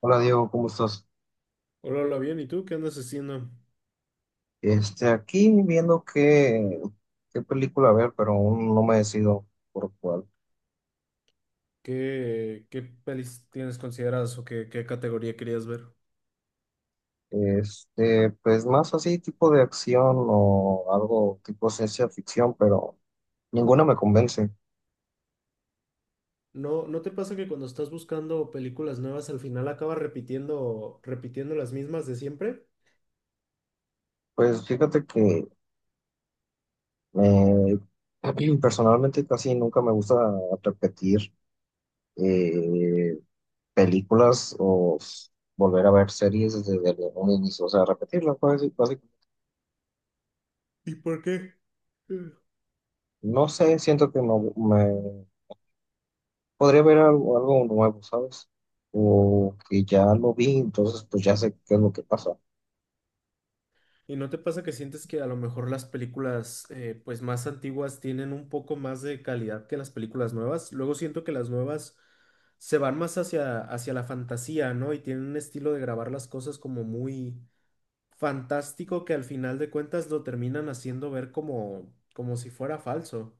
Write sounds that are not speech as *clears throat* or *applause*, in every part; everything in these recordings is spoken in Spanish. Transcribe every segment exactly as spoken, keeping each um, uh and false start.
Hola Diego, ¿cómo estás? Hola, hola, bien. ¿Y tú qué andas haciendo? Este, aquí viendo qué, qué película ver, pero aún no me decido por cuál. ¿Qué, qué pelis tienes consideradas o qué, qué categoría querías ver? Este, pues más así tipo de acción o algo tipo ciencia ficción, pero ninguna me convence. ¿No, no te pasa que cuando estás buscando películas nuevas al final acabas repitiendo, repitiendo las mismas de siempre? Pues fíjate que eh, *clears throat* personalmente casi nunca me gusta repetir eh, películas o s- volver a ver series desde el- un inicio, o sea, repetirlas, pues, básicamente. ¿Y por qué? Eh. No sé, siento que no me podría haber algo, algo nuevo, ¿sabes? O que ya lo vi, entonces pues ya sé qué es lo que pasa. ¿Y no te pasa que sientes que a lo mejor las películas eh, pues más antiguas tienen un poco más de calidad que las películas nuevas? Luego siento que las nuevas se van más hacia, hacia la fantasía, ¿no? Y tienen un estilo de grabar las cosas como muy fantástico que al final de cuentas lo terminan haciendo ver como, como si fuera falso.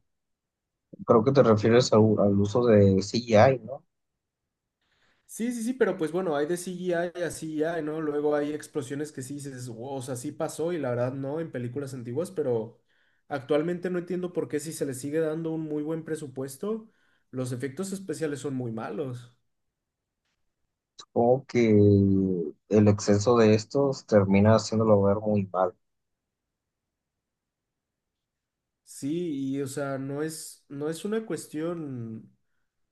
Creo que te refieres al, al uso de C G I, ¿no? Sí, sí, sí, pero pues bueno, hay de C G I a C G I, ¿no? Luego hay explosiones que sí dices, "Wow, o sea, sí pasó y la verdad no en películas antiguas, pero actualmente no entiendo por qué si se le sigue dando un muy buen presupuesto, los efectos especiales son muy malos. Supongo que el exceso de estos termina haciéndolo ver muy mal. Sí, y o sea, no es, no es una cuestión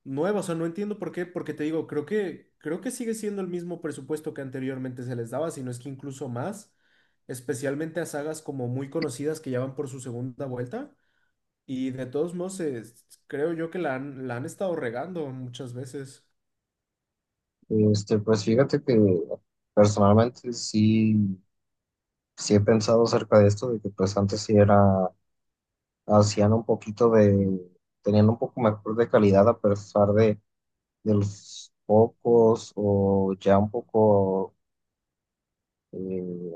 nueva, o sea, no entiendo por qué, porque te digo, creo que, creo que sigue siendo el mismo presupuesto que anteriormente se les daba, si no es que incluso más, especialmente a sagas como muy conocidas que ya van por su segunda vuelta, y de todos modos, es- creo yo que la han, la han estado regando muchas veces. Este, pues fíjate que personalmente sí, sí he pensado acerca de esto, de que pues antes sí era, hacían un poquito de, tenían un poco mejor de calidad a pesar de, de los pocos o ya un poco eh,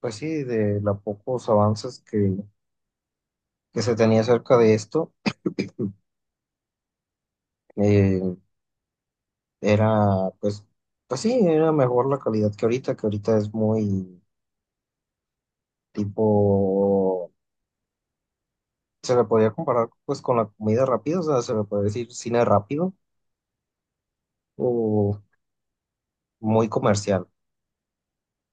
pues sí, de los pocos avances que, que se tenía acerca de esto, eh, era, pues, pues sí, era mejor la calidad que ahorita, que ahorita es muy tipo, se le podía comparar pues con la comida rápida, o sea, se le puede decir cine rápido o muy comercial.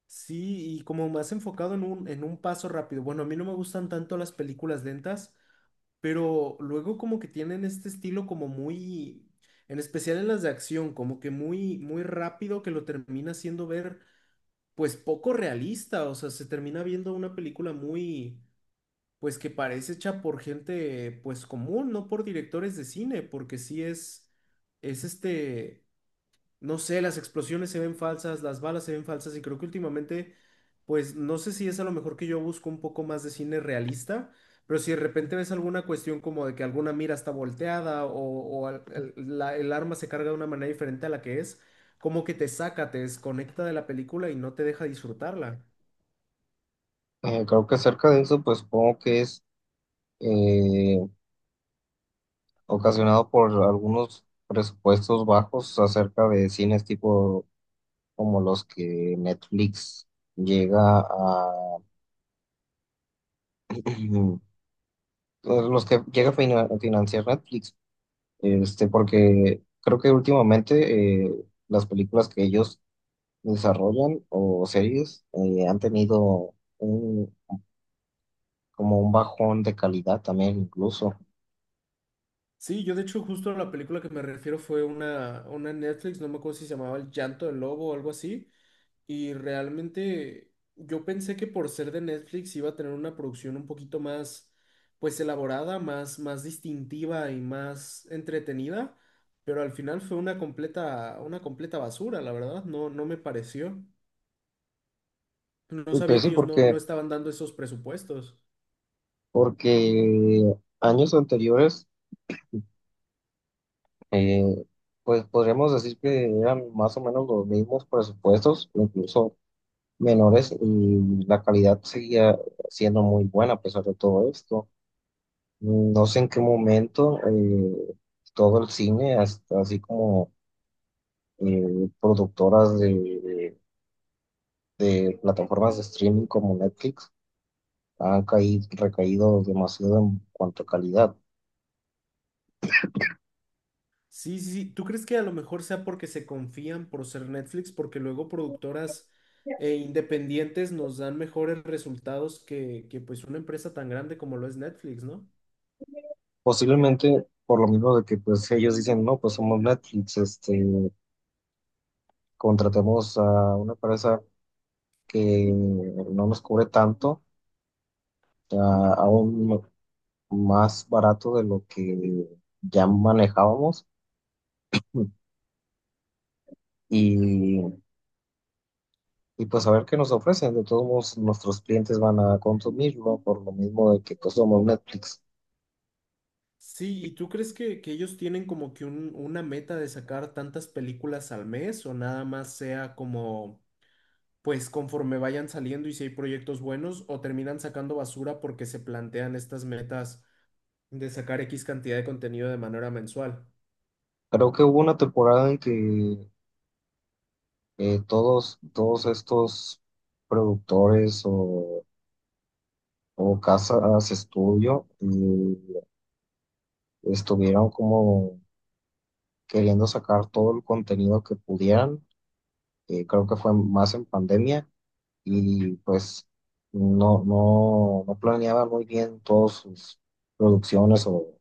Sí, y como más enfocado en un, en un paso rápido. Bueno, a mí no me gustan tanto las películas lentas, pero luego como que tienen este estilo como muy, en especial en las de acción, como que muy, muy rápido que lo termina haciendo ver pues poco realista, o sea, se termina viendo una película muy, pues que parece hecha por gente, pues común, no por directores de cine, porque sí es, es este, no sé, las explosiones se ven falsas, las balas se ven falsas y creo que últimamente, pues no sé si es a lo mejor que yo busco un poco más de cine realista, pero si de repente ves alguna cuestión como de que alguna mira está volteada o, o al- el, la- el arma se carga de una manera diferente a la que es, como que te saca, te desconecta de la película y no te deja disfrutarla. Eh, creo que acerca de eso, pues supongo que es eh, ocasionado por algunos presupuestos bajos acerca de cines tipo como los que Netflix llega a, *clears throat* los que llega a fina- a financiar Netflix, este, porque creo que últimamente eh, las películas que ellos desarrollan o series eh, han tenido un, como un bajón de calidad también incluso. Sí, yo de hecho justo a la película que me refiero fue una, una Netflix, no me acuerdo si se llamaba El Llanto del Lobo o algo así. Y realmente yo pensé que por ser de Netflix iba a tener una producción un poquito más, pues elaborada, más, más distintiva y más entretenida, pero al final fue una completa, una completa basura, la verdad, no, no me pareció. No Y sabía Pues que sí, ellos no, no porque, estaban dando esos presupuestos. porque años anteriores, eh, pues podríamos decir que eran más o menos los mismos presupuestos, incluso menores y la calidad seguía siendo muy buena a pesar de todo esto. No sé en qué momento eh, todo el cine, hasta así como eh, productoras de, de plataformas de streaming como Netflix, han caído, recaído demasiado en cuanto a calidad. Sí, sí, sí. ¿Tú crees que a lo mejor sea porque se confían por ser Netflix? Porque luego productoras e independientes nos dan mejores resultados que, que pues una empresa tan grande como lo es Netflix, ¿no? Posiblemente por lo mismo de que pues ellos dicen, no, pues somos Netflix, este, contratemos a una empresa que no nos cubre tanto a, a un más barato de lo que ya manejábamos y, y pues a ver qué nos ofrecen. De todos modos, nuestros clientes van a consumirlo por lo mismo de que pues somos Netflix. Sí, ¿y tú crees que, que ellos tienen como que un- una meta de sacar tantas películas al mes o nada más sea como, pues conforme vayan saliendo y si hay proyectos buenos o terminan sacando basura porque se plantean estas metas de sacar X cantidad de contenido de manera mensual? Creo que hubo una temporada en que eh, todos, todos estos productores o, o casas estudio eh, estuvieron como queriendo sacar todo el contenido que pudieran. Eh, creo que fue más en pandemia y pues no, no, no planeaba muy bien todas sus producciones o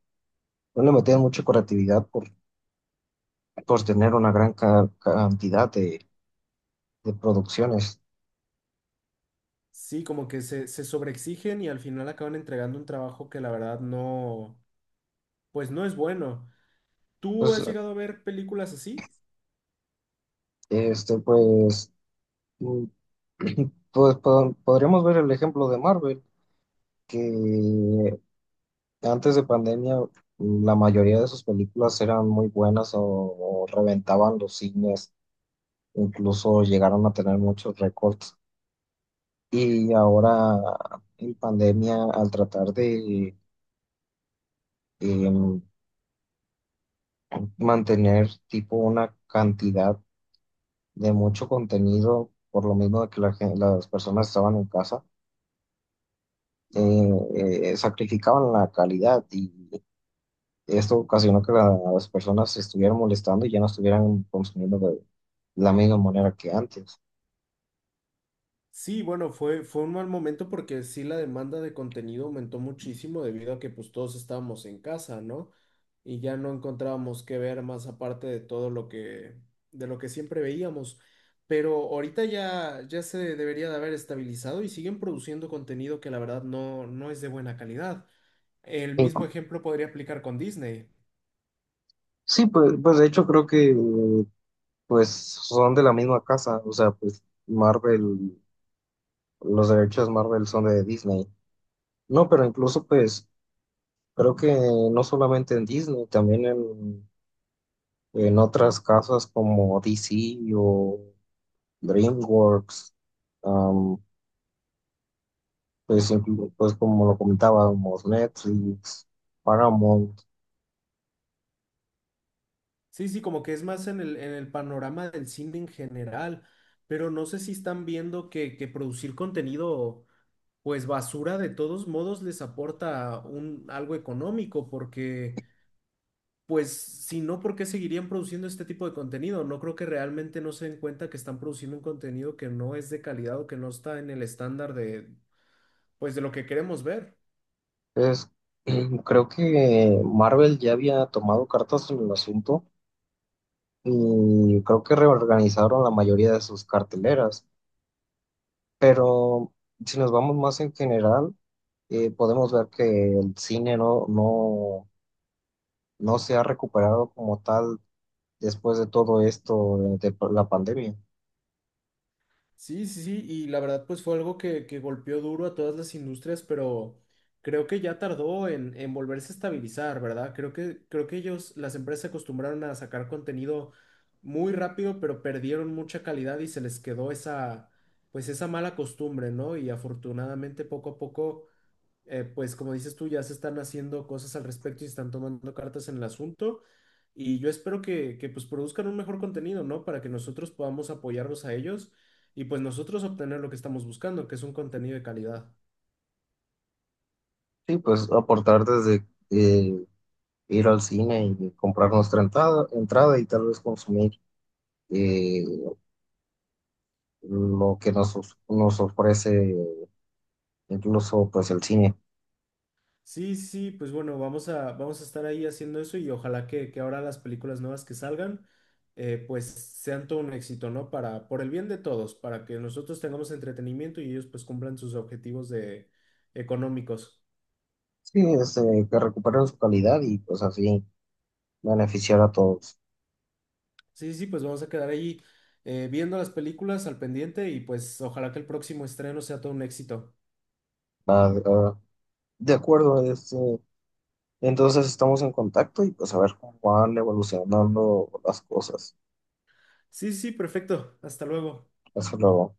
no le metían mucha creatividad por, por tener una gran ca- cantidad de, de producciones. Sí, como que se, se sobreexigen y al final acaban entregando un trabajo que la verdad no, pues no es bueno. ¿Tú Pues, has llegado a ver películas así? este, pues, mm, *clears throat* pues po- podríamos ver el ejemplo de Marvel, que antes de pandemia mm, la mayoría de sus películas eran muy buenas o o reventaban los cines, incluso llegaron a tener muchos récords. Y ahora en pandemia, al tratar de em, mantener tipo una cantidad de mucho contenido, por lo mismo de que la gen- las personas estaban en casa, eh, eh, sacrificaban la calidad y esto ocasionó que la- las personas se estuvieran molestando y ya no estuvieran consumiendo de la misma manera que antes. Sí, bueno, fue, fue un mal momento porque sí la demanda de contenido aumentó muchísimo debido a que pues todos estábamos en casa, ¿no? Y ya no encontrábamos qué ver más aparte de todo lo que, de lo que siempre veíamos. Pero ahorita ya, ya se debería de haber estabilizado y siguen produciendo contenido que la verdad no, no es de buena calidad. El mismo Inclu- ejemplo podría aplicar con Disney. Sí, pues, pues de hecho creo que eh, pues son de la misma casa, o sea, pues Marvel. Los derechos Marvel son de Disney. No, pero incluso pues creo que no solamente en Disney, también en, en otras casas como D C o DreamWorks, am, pues, inclu- pues como lo comentábamos, Netflix, Paramount. Sí, sí, como que es más en el, en el panorama del cine en general, pero no sé si están viendo que, que producir contenido pues basura de todos modos les aporta un algo económico porque pues si no, ¿por qué seguirían produciendo este tipo de contenido? No creo que realmente no se den cuenta que están produciendo un contenido que no es de calidad o que no está en el estándar de pues de lo que queremos ver. Es, *clears throat* creo que Marvel ya había tomado cartas en el asunto y creo que reorganizaron la mayoría de sus carteleras. Pero si nos vamos más en general, eh, podemos ver que el cine no, no, no se ha recuperado como tal después de todo esto de, de la pandemia. Sí, sí, sí, y la verdad pues fue algo que, que golpeó duro a todas las industrias, pero creo que ya tardó en, en volverse a estabilizar, ¿verdad? Creo que, creo que ellos, las empresas se acostumbraron a sacar contenido muy rápido, pero perdieron mucha calidad y se les quedó esa, pues esa mala costumbre, ¿no? Y afortunadamente poco a poco eh, pues como dices tú, ya se están haciendo cosas al respecto y se están tomando cartas en el asunto. Y yo espero que, que pues produzcan un mejor contenido, ¿no? Para que nosotros podamos apoyarlos a ellos y pues nosotros obtener lo que estamos buscando, que es un contenido de calidad. Sí, pues aportar desde eh, ir al cine y comprar nuestra entrada, entrada y tal vez consumir eh, lo que nos, os- nos ofrece incluso pues el cine. Sí, sí, pues bueno, vamos a, vamos a estar ahí haciendo eso y ojalá que, que ahora las películas nuevas que salgan, eh, pues sean todo un éxito, ¿no? Para, por el bien de todos, para que nosotros tengamos entretenimiento y ellos pues cumplan sus objetivos de, económicos. Sí, este, que recuperen su calidad y pues así beneficiar a todos. Sí, sí, sí, pues vamos a quedar ahí eh, viendo las películas al pendiente y pues ojalá que el próximo estreno sea todo un éxito. Va- va- de acuerdo, este. Entonces estamos en contacto y pues a ver cómo van evolucionando las cosas. Sí, sí, sí, perfecto. Hasta luego. Hasta luego.